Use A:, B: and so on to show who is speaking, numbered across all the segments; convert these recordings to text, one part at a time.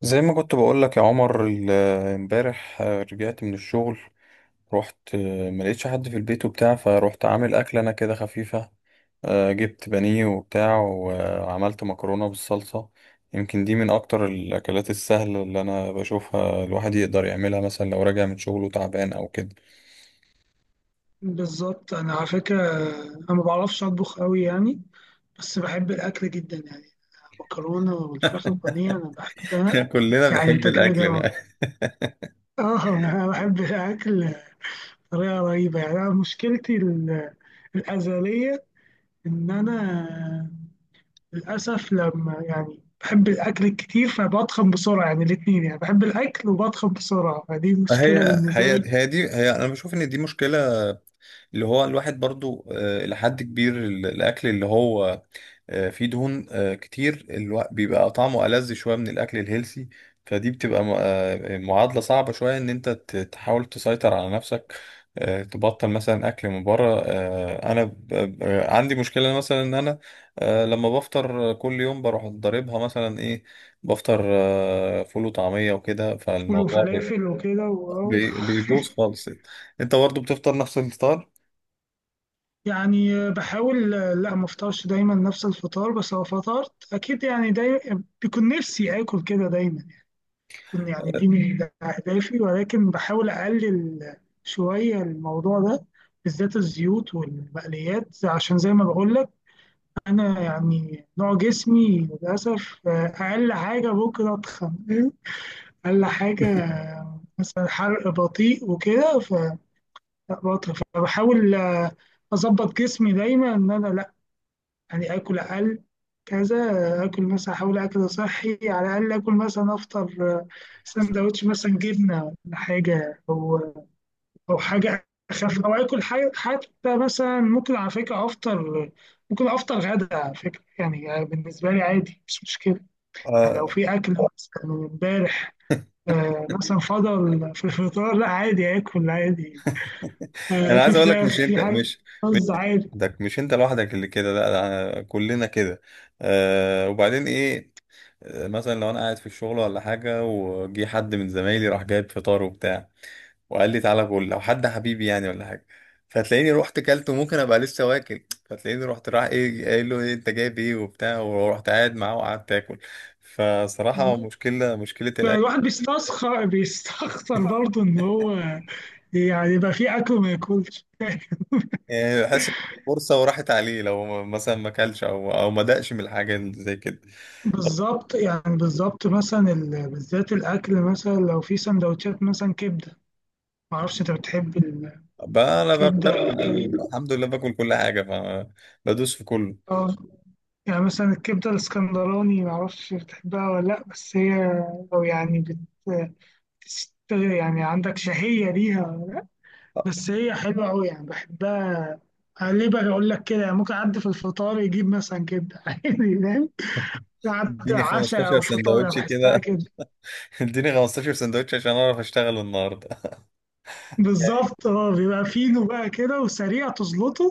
A: زي ما كنت بقول لك يا عمر، امبارح، رجعت من الشغل. رحت، ما لقيتش حد في البيت وبتاع، فروحت عامل اكله انا كده خفيفه. جبت بانيه وبتاع، وعملت مكرونه بالصلصه. يمكن دي من اكتر الاكلات السهله اللي انا بشوفها، الواحد يقدر يعملها مثلا لو راجع من شغله تعبان او كده.
B: بالظبط، انا على فكره انا ما بعرفش اطبخ قوي يعني، بس بحب الاكل جدا يعني. المكرونه والفراخ البانيه انا بحبها.
A: كلنا
B: يعني
A: بنحب
B: انت كده
A: الاكل بقى.
B: جوه. اه، انا بحب الاكل بطريقه رهيبه يعني. انا مشكلتي الازليه ان انا للاسف لما يعني بحب الاكل الكتير فبتخن بسرعه، يعني الاثنين، يعني بحب الاكل وبتخن بسرعه فدي
A: هي
B: مشكله بالنسبه
A: هي
B: لي.
A: هي دي، هي انا بشوف ان دي مشكله. اللي هو الواحد برضو، لحد كبير، الاكل اللي هو في دهون كتير، بيبقى طعمه ألذ شوية من الأكل الهيلسي. فدي بتبقى معادلة صعبة شوية، إن أنت تحاول تسيطر على نفسك، تبطل مثلا أكل من بره. أنا عندي مشكلة مثلا، إن أنا لما بفطر كل يوم بروح ضاربها مثلا إيه؟ بفطر فول وطعمية وكده،
B: فول
A: فالموضوع
B: وفلافل وكده.
A: بيبوظ خالص. أنت برضه بتفطر نفس الفطار؟
B: يعني بحاول. لا، ما افطرش دايما نفس الفطار، بس لو فطرت اكيد يعني دايما بيكون نفسي اكل كده دايما. بيكون يعني دي من اهدافي، ولكن بحاول اقلل شويه الموضوع ده، بالذات الزيوت والمقليات، عشان زي ما بقول لك انا يعني نوع جسمي للاسف اقل حاجه ممكن اتخن. اقل حاجه مثلا، حرق بطيء وكده. فبطل، فبحاول اظبط جسمي دايما ان انا يعني آكل أقل كذا. آكل مثلا، أحاول أكل صحي على الأقل. آكل مثلا أفطر سندوتش مثلا جبنة ولا حاجة، أو أو حاجة أخف، أو آكل حاجة حتى. مثلا ممكن على فكرة أفطر، ممكن أفطر غدا على فكرة، يعني بالنسبة لي عادي مش مشكلة. يعني
A: آه،
B: لو في أكل مثلا من إمبارح مثلا فضل في الفطار، لا عادي آكل عادي.
A: انا
B: في
A: عايز اقول لك،
B: فراخ،
A: مش انت،
B: في حاجة،
A: مش
B: رز، عادي.
A: ده مش انت لوحدك اللي كده، لا ده كلنا كده. وبعدين ايه؟ مثلا لو انا قاعد في الشغل ولا حاجه، وجي حد من زمايلي راح جايب فطار وبتاع، وقال لي تعالى كل، لو حد حبيبي يعني ولا حاجه، فتلاقيني رحت كلت، وممكن ابقى لسه واكل، فتلاقيني رحت راح ايه قايل له ايه انت جايب ايه وبتاع، ورحت قاعد معاه وقعدت اكل. فصراحه مشكله، مشكله
B: بقى
A: الاكل.
B: الواحد بيستخسر برضه ان هو يعني يبقى فيه اكل وما ياكلش.
A: يعني بحس إن فرصه وراحت عليه، لو مثلا ما اكلش او ما دقش من الحاجه زي كده.
B: بالظبط، يعني بالظبط مثلا بالذات الاكل، مثلا لو في سندوتشات مثلا كبده. ما اعرفش انت بتحب
A: بقى انا بقى،
B: الكبده ولا إيه؟
A: الحمد لله باكل كل حاجه، فبدوس في كله.
B: اه، يعني مثلا الكبده الاسكندراني، ما اعرفش بتحبها ولا لا، بس هي، او يعني يعني عندك شهيه ليها ولا لأ، بس هي حلوه قوي يعني بحبها. ليه بقى اقول لك كده؟ يعني ممكن اعدي في الفطار يجيب مثلا كبده، عادي فاهم، بعد
A: اديني
B: عشاء
A: 15
B: او فطار، أو
A: سندوتش
B: بحسها
A: كده،
B: كده
A: اديني 15 سندوتش عشان اعرف اشتغل النهارده. يعني
B: بالظبط. اه بيبقى فينو بقى كده وسريع تزلطه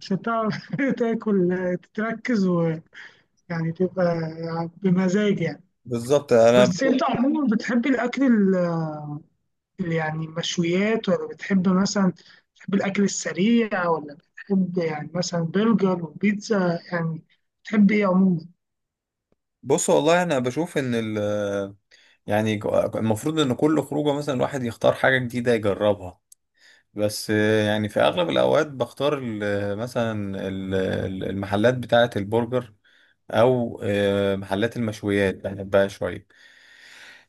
B: عشان تعرف تاكل، تتركز ويعني تبقى بمزاج يعني.
A: بالظبط، انا
B: بس
A: بشوف،
B: انت عموما بتحب الاكل يعني مشويات، ولا بتحب مثلا، بتحب الاكل السريع، ولا بتحب يعني مثلا برجر وبيتزا يعني؟ بتحب ايه عموما؟
A: بص والله انا بشوف ان يعني، المفروض ان كل خروجه مثلا الواحد يختار حاجه جديده يجربها. بس، يعني في اغلب الاوقات بختار مثلا، ال- المحلات بتاعه البرجر، او محلات المشويات بحبها شويه.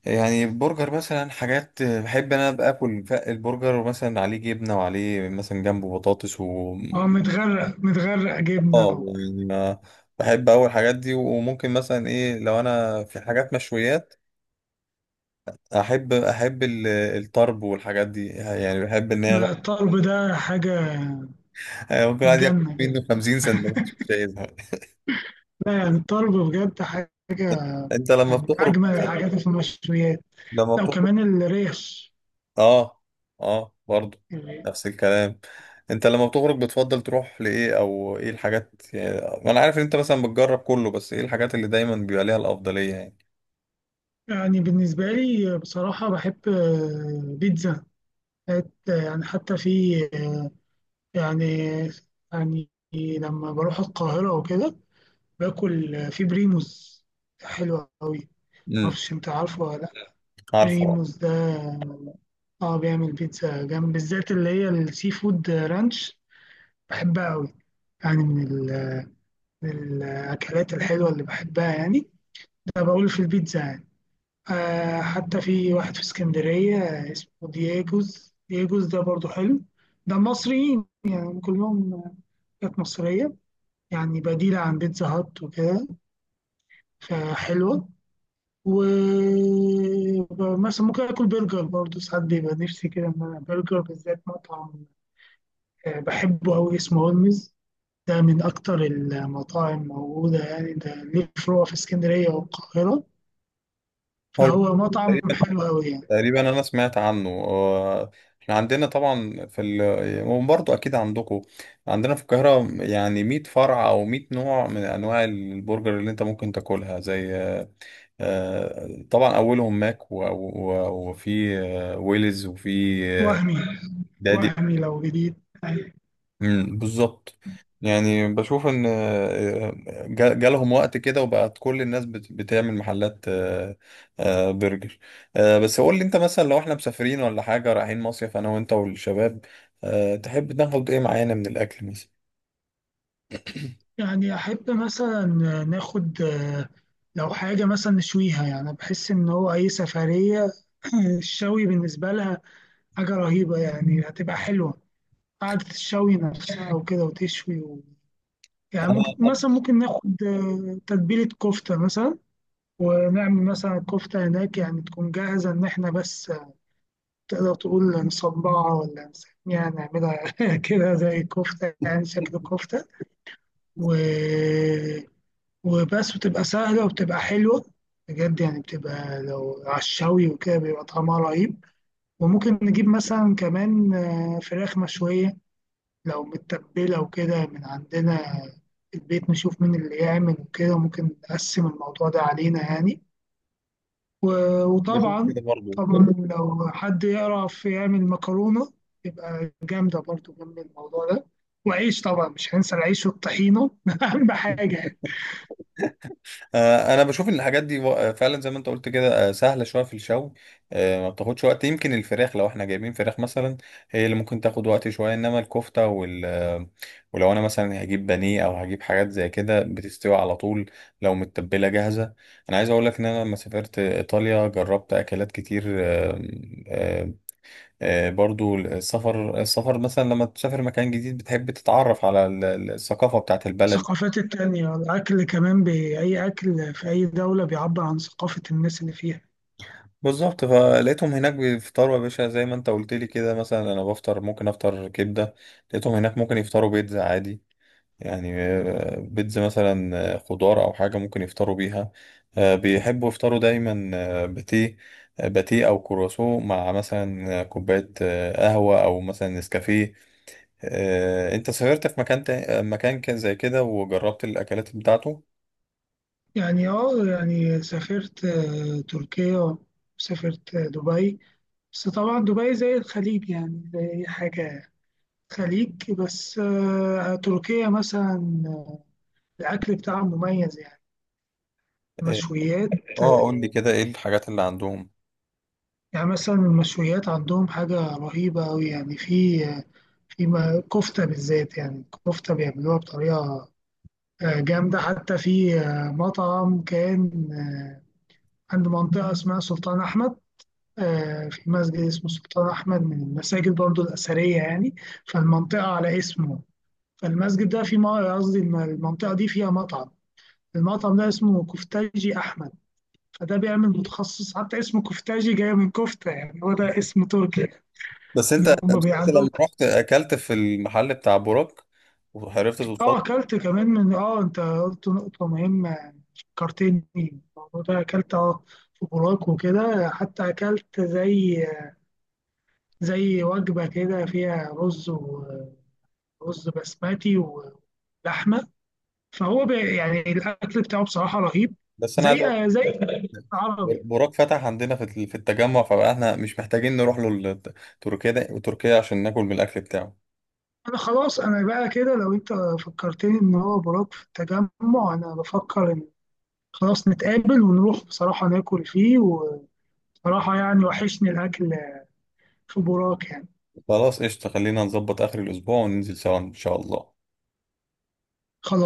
A: يعني البرجر مثلا، حاجات بحب انا ابقى اكل، البرجر ومثلا عليه جبنه، وعليه مثلا جنبه بطاطس و
B: اه، متغرق متغرق جبنه
A: اه،
B: و...
A: يعني بحب اول الحاجات دي. وممكن مثلا ايه، لو انا في حاجات مشويات، احب الطرب والحاجات دي، يعني بحب ان هي
B: لا، الطرب ده حاجه.
A: ممكن واحد ياكل
B: الجنه كده.
A: منه 50 سندوتش مش عايزها.
B: لا يعني الطرب بجد حاجة،
A: انت لما
B: يعني من
A: بتخرج،
B: أجمل الحاجات في المشويات.
A: لما
B: لا،
A: بتخرج
B: وكمان الريش.
A: اه، اه، برضو
B: الريش.
A: نفس الكلام. انت لما بتخرج بتفضل تروح لايه، او ايه الحاجات يعني؟ انا عارف ان انت مثلا بتجرب كله، بس ايه الحاجات اللي دايما بيبقى ليها الافضلية يعني؟
B: يعني بالنسبة لي بصراحة بحب بيتزا. يعني حتى في آه، يعني، يعني لما بروح القاهرة وكده باكل في بريموس، حلو أوي.
A: امم
B: معرفش أنت عارفه ولا لأ
A: عارفه بقى.
B: بريموس ده. اه، بيعمل بيتزا جنب، بالذات اللي هي السي فود رانش، بحبها أوي يعني. من الأكلات الحلوة اللي بحبها يعني. ده بقول في البيتزا يعني. آه، حتى في واحد في اسكندرية اسمه دييجوز. دييجوز ده برضو حلو. ده مصريين يعني كلهم، حاجات مصرية يعني، بديلة عن بيتزا هات وكده، فحلوة. ومثلا ممكن آكل برجر برضو، ساعات بيبقى نفسي كده إن أنا برجر، بالذات مطعم بحبه أوي اسمه هولمز. ده من أكتر المطاعم موجودة، يعني ده ليه فروع في اسكندرية والقاهرة،
A: حلو.
B: فهو مطعم
A: تقريبا،
B: حلو أوي يعني.
A: تقريبا انا سمعت عنه، احنا عندنا طبعا في وبرضه اكيد عندكم. عندنا في القاهرة يعني 100 فرع او 100 نوع من انواع البرجر اللي انت ممكن تاكلها، زي طبعا اولهم ماك، وفي ويلز، وفي
B: وهمي
A: دادي.
B: وهمي لو جديد.
A: مم، بالظبط. يعني بشوف ان جالهم وقت كده، وبقت كل الناس بتعمل محلات، برجر. بس قول لي انت، مثلا لو احنا مسافرين ولا حاجه، رايحين مصيف انا وانت والشباب، تحب ناخد ايه معانا من الاكل مثلا؟
B: يعني أحب مثلا ناخد لو حاجة مثلا نشويها، يعني أنا بحس إن هو أي سفرية الشوي بالنسبة لها حاجة رهيبة، يعني هتبقى حلوة، قعدة الشوي نفسها وكده وتشوي و... يعني
A: انا
B: ممكن مثلا، ممكن ناخد تتبيلة كفتة مثلا، ونعمل مثلا الكفتة هناك، يعني تكون جاهزة إن إحنا بس تقدر تقول نصبعها ولا نسميها نعملها كده زي كفتة، يعني شكل كفتة و... وبس، وتبقى سهلة وبتبقى حلوة بجد، يعني بتبقى لو على الشوي وكده بيبقى طعمها رهيب. وممكن نجيب مثلا كمان فراخ مشوية لو متبلة وكده من عندنا في البيت، نشوف مين اللي يعمل وكده، ممكن نقسم الموضوع ده علينا يعني.
A: بشوف
B: وطبعا،
A: كده برضو.
B: طبعا لو حد يعرف يعمل مكرونة تبقى جامدة برضو جنب الموضوع ده. وعيش طبعا، مش هننسى العيش والطحينة، أهم حاجة يعني.
A: انا بشوف ان الحاجات دي فعلا زي ما انت قلت كده، سهله شويه في الشوي، ما بتاخدش وقت. يمكن الفراخ، لو احنا جايبين فراخ مثلا، هي اللي ممكن تاخد وقت شويه، انما الكفته وال آه، ولو انا مثلا هجيب بانيه او هجيب حاجات زي كده بتستوي على طول، لو متبله جاهزه. انا عايز اقول لك ان انا لما سافرت ايطاليا جربت اكلات كتير، آه، برضو السفر مثلا، لما تسافر مكان جديد بتحب تتعرف على الثقافه بتاعت البلد.
B: الثقافات التانية، الأكل كمان، بأي أكل في أي دولة بيعبر عن ثقافة الناس اللي فيها.
A: بالظبط، فلقيتهم هناك بيفطروا يا باشا، زي ما انت قلت لي كده، مثلا انا بفطر ممكن افطر كبده، لقيتهم هناك ممكن يفطروا بيتزا عادي. يعني بيتزا مثلا، خضار او حاجه ممكن يفطروا بيها. بيحبوا يفطروا دايما، باتيه، باتيه او كرواسون، مع مثلا كوبايه قهوه، او مثلا نسكافيه. انت سافرت في مكان مكان كان زي كده وجربت الاكلات بتاعته؟
B: يعني اه، يعني سافرت تركيا، وسافرت دبي، بس طبعا دبي زي الخليج يعني زي أي حاجة خليج. بس تركيا مثلا الأكل بتاعها مميز يعني،
A: اه،
B: مشويات
A: قول لي كده، ايه الحاجات اللي عندهم؟
B: يعني. مثلا المشويات عندهم حاجة رهيبة أوي، يعني في في كفتة بالذات، يعني كفتة بيعملوها بطريقة جامدة. حتى في مطعم كان عند منطقة اسمها سلطان أحمد. في مسجد اسمه سلطان أحمد، من المساجد برضو الأثرية يعني، فالمنطقة على اسمه. فالمسجد ده في قصدي المنطقة دي فيها مطعم. المطعم ده اسمه كفتاجي أحمد. فده بيعمل، متخصص، حتى اسمه كفتاجي جاي من كفتة، يعني هو ده اسم تركي يعني.
A: بس
B: إن
A: انت، بس
B: هم
A: انت
B: عندهم.
A: لما رحت اكلت في المحل بتاع بوراك وعرفت
B: اه،
A: توصل؟
B: اكلت كمان من اه انت قلت نقطة مهمة، كارتيني الموضوع ده. اكلت في بوراك وكده، حتى اكلت زي وجبة كده فيها رز، ورز بسمتي، ولحمة. فهو يعني الاكل بتاعه بصراحة رهيب،
A: بس انا عايز
B: زي
A: اقول
B: زي
A: لك،
B: عربي.
A: بوراك فتح عندنا في التجمع، فبقى احنا مش محتاجين نروح له تركيا ده، وتركيا عشان ناكل من الاكل بتاعه.
B: انا خلاص، انا بقى كده لو انت فكرتني ان هو بوراك في التجمع، انا بفكر خلاص نتقابل ونروح بصراحة ناكل فيه، وبصراحة يعني وحشني الأكل في بوراك يعني.
A: خلاص قشطه، خلينا نظبط اخر الاسبوع وننزل سوا ان شاء الله.
B: خلاص.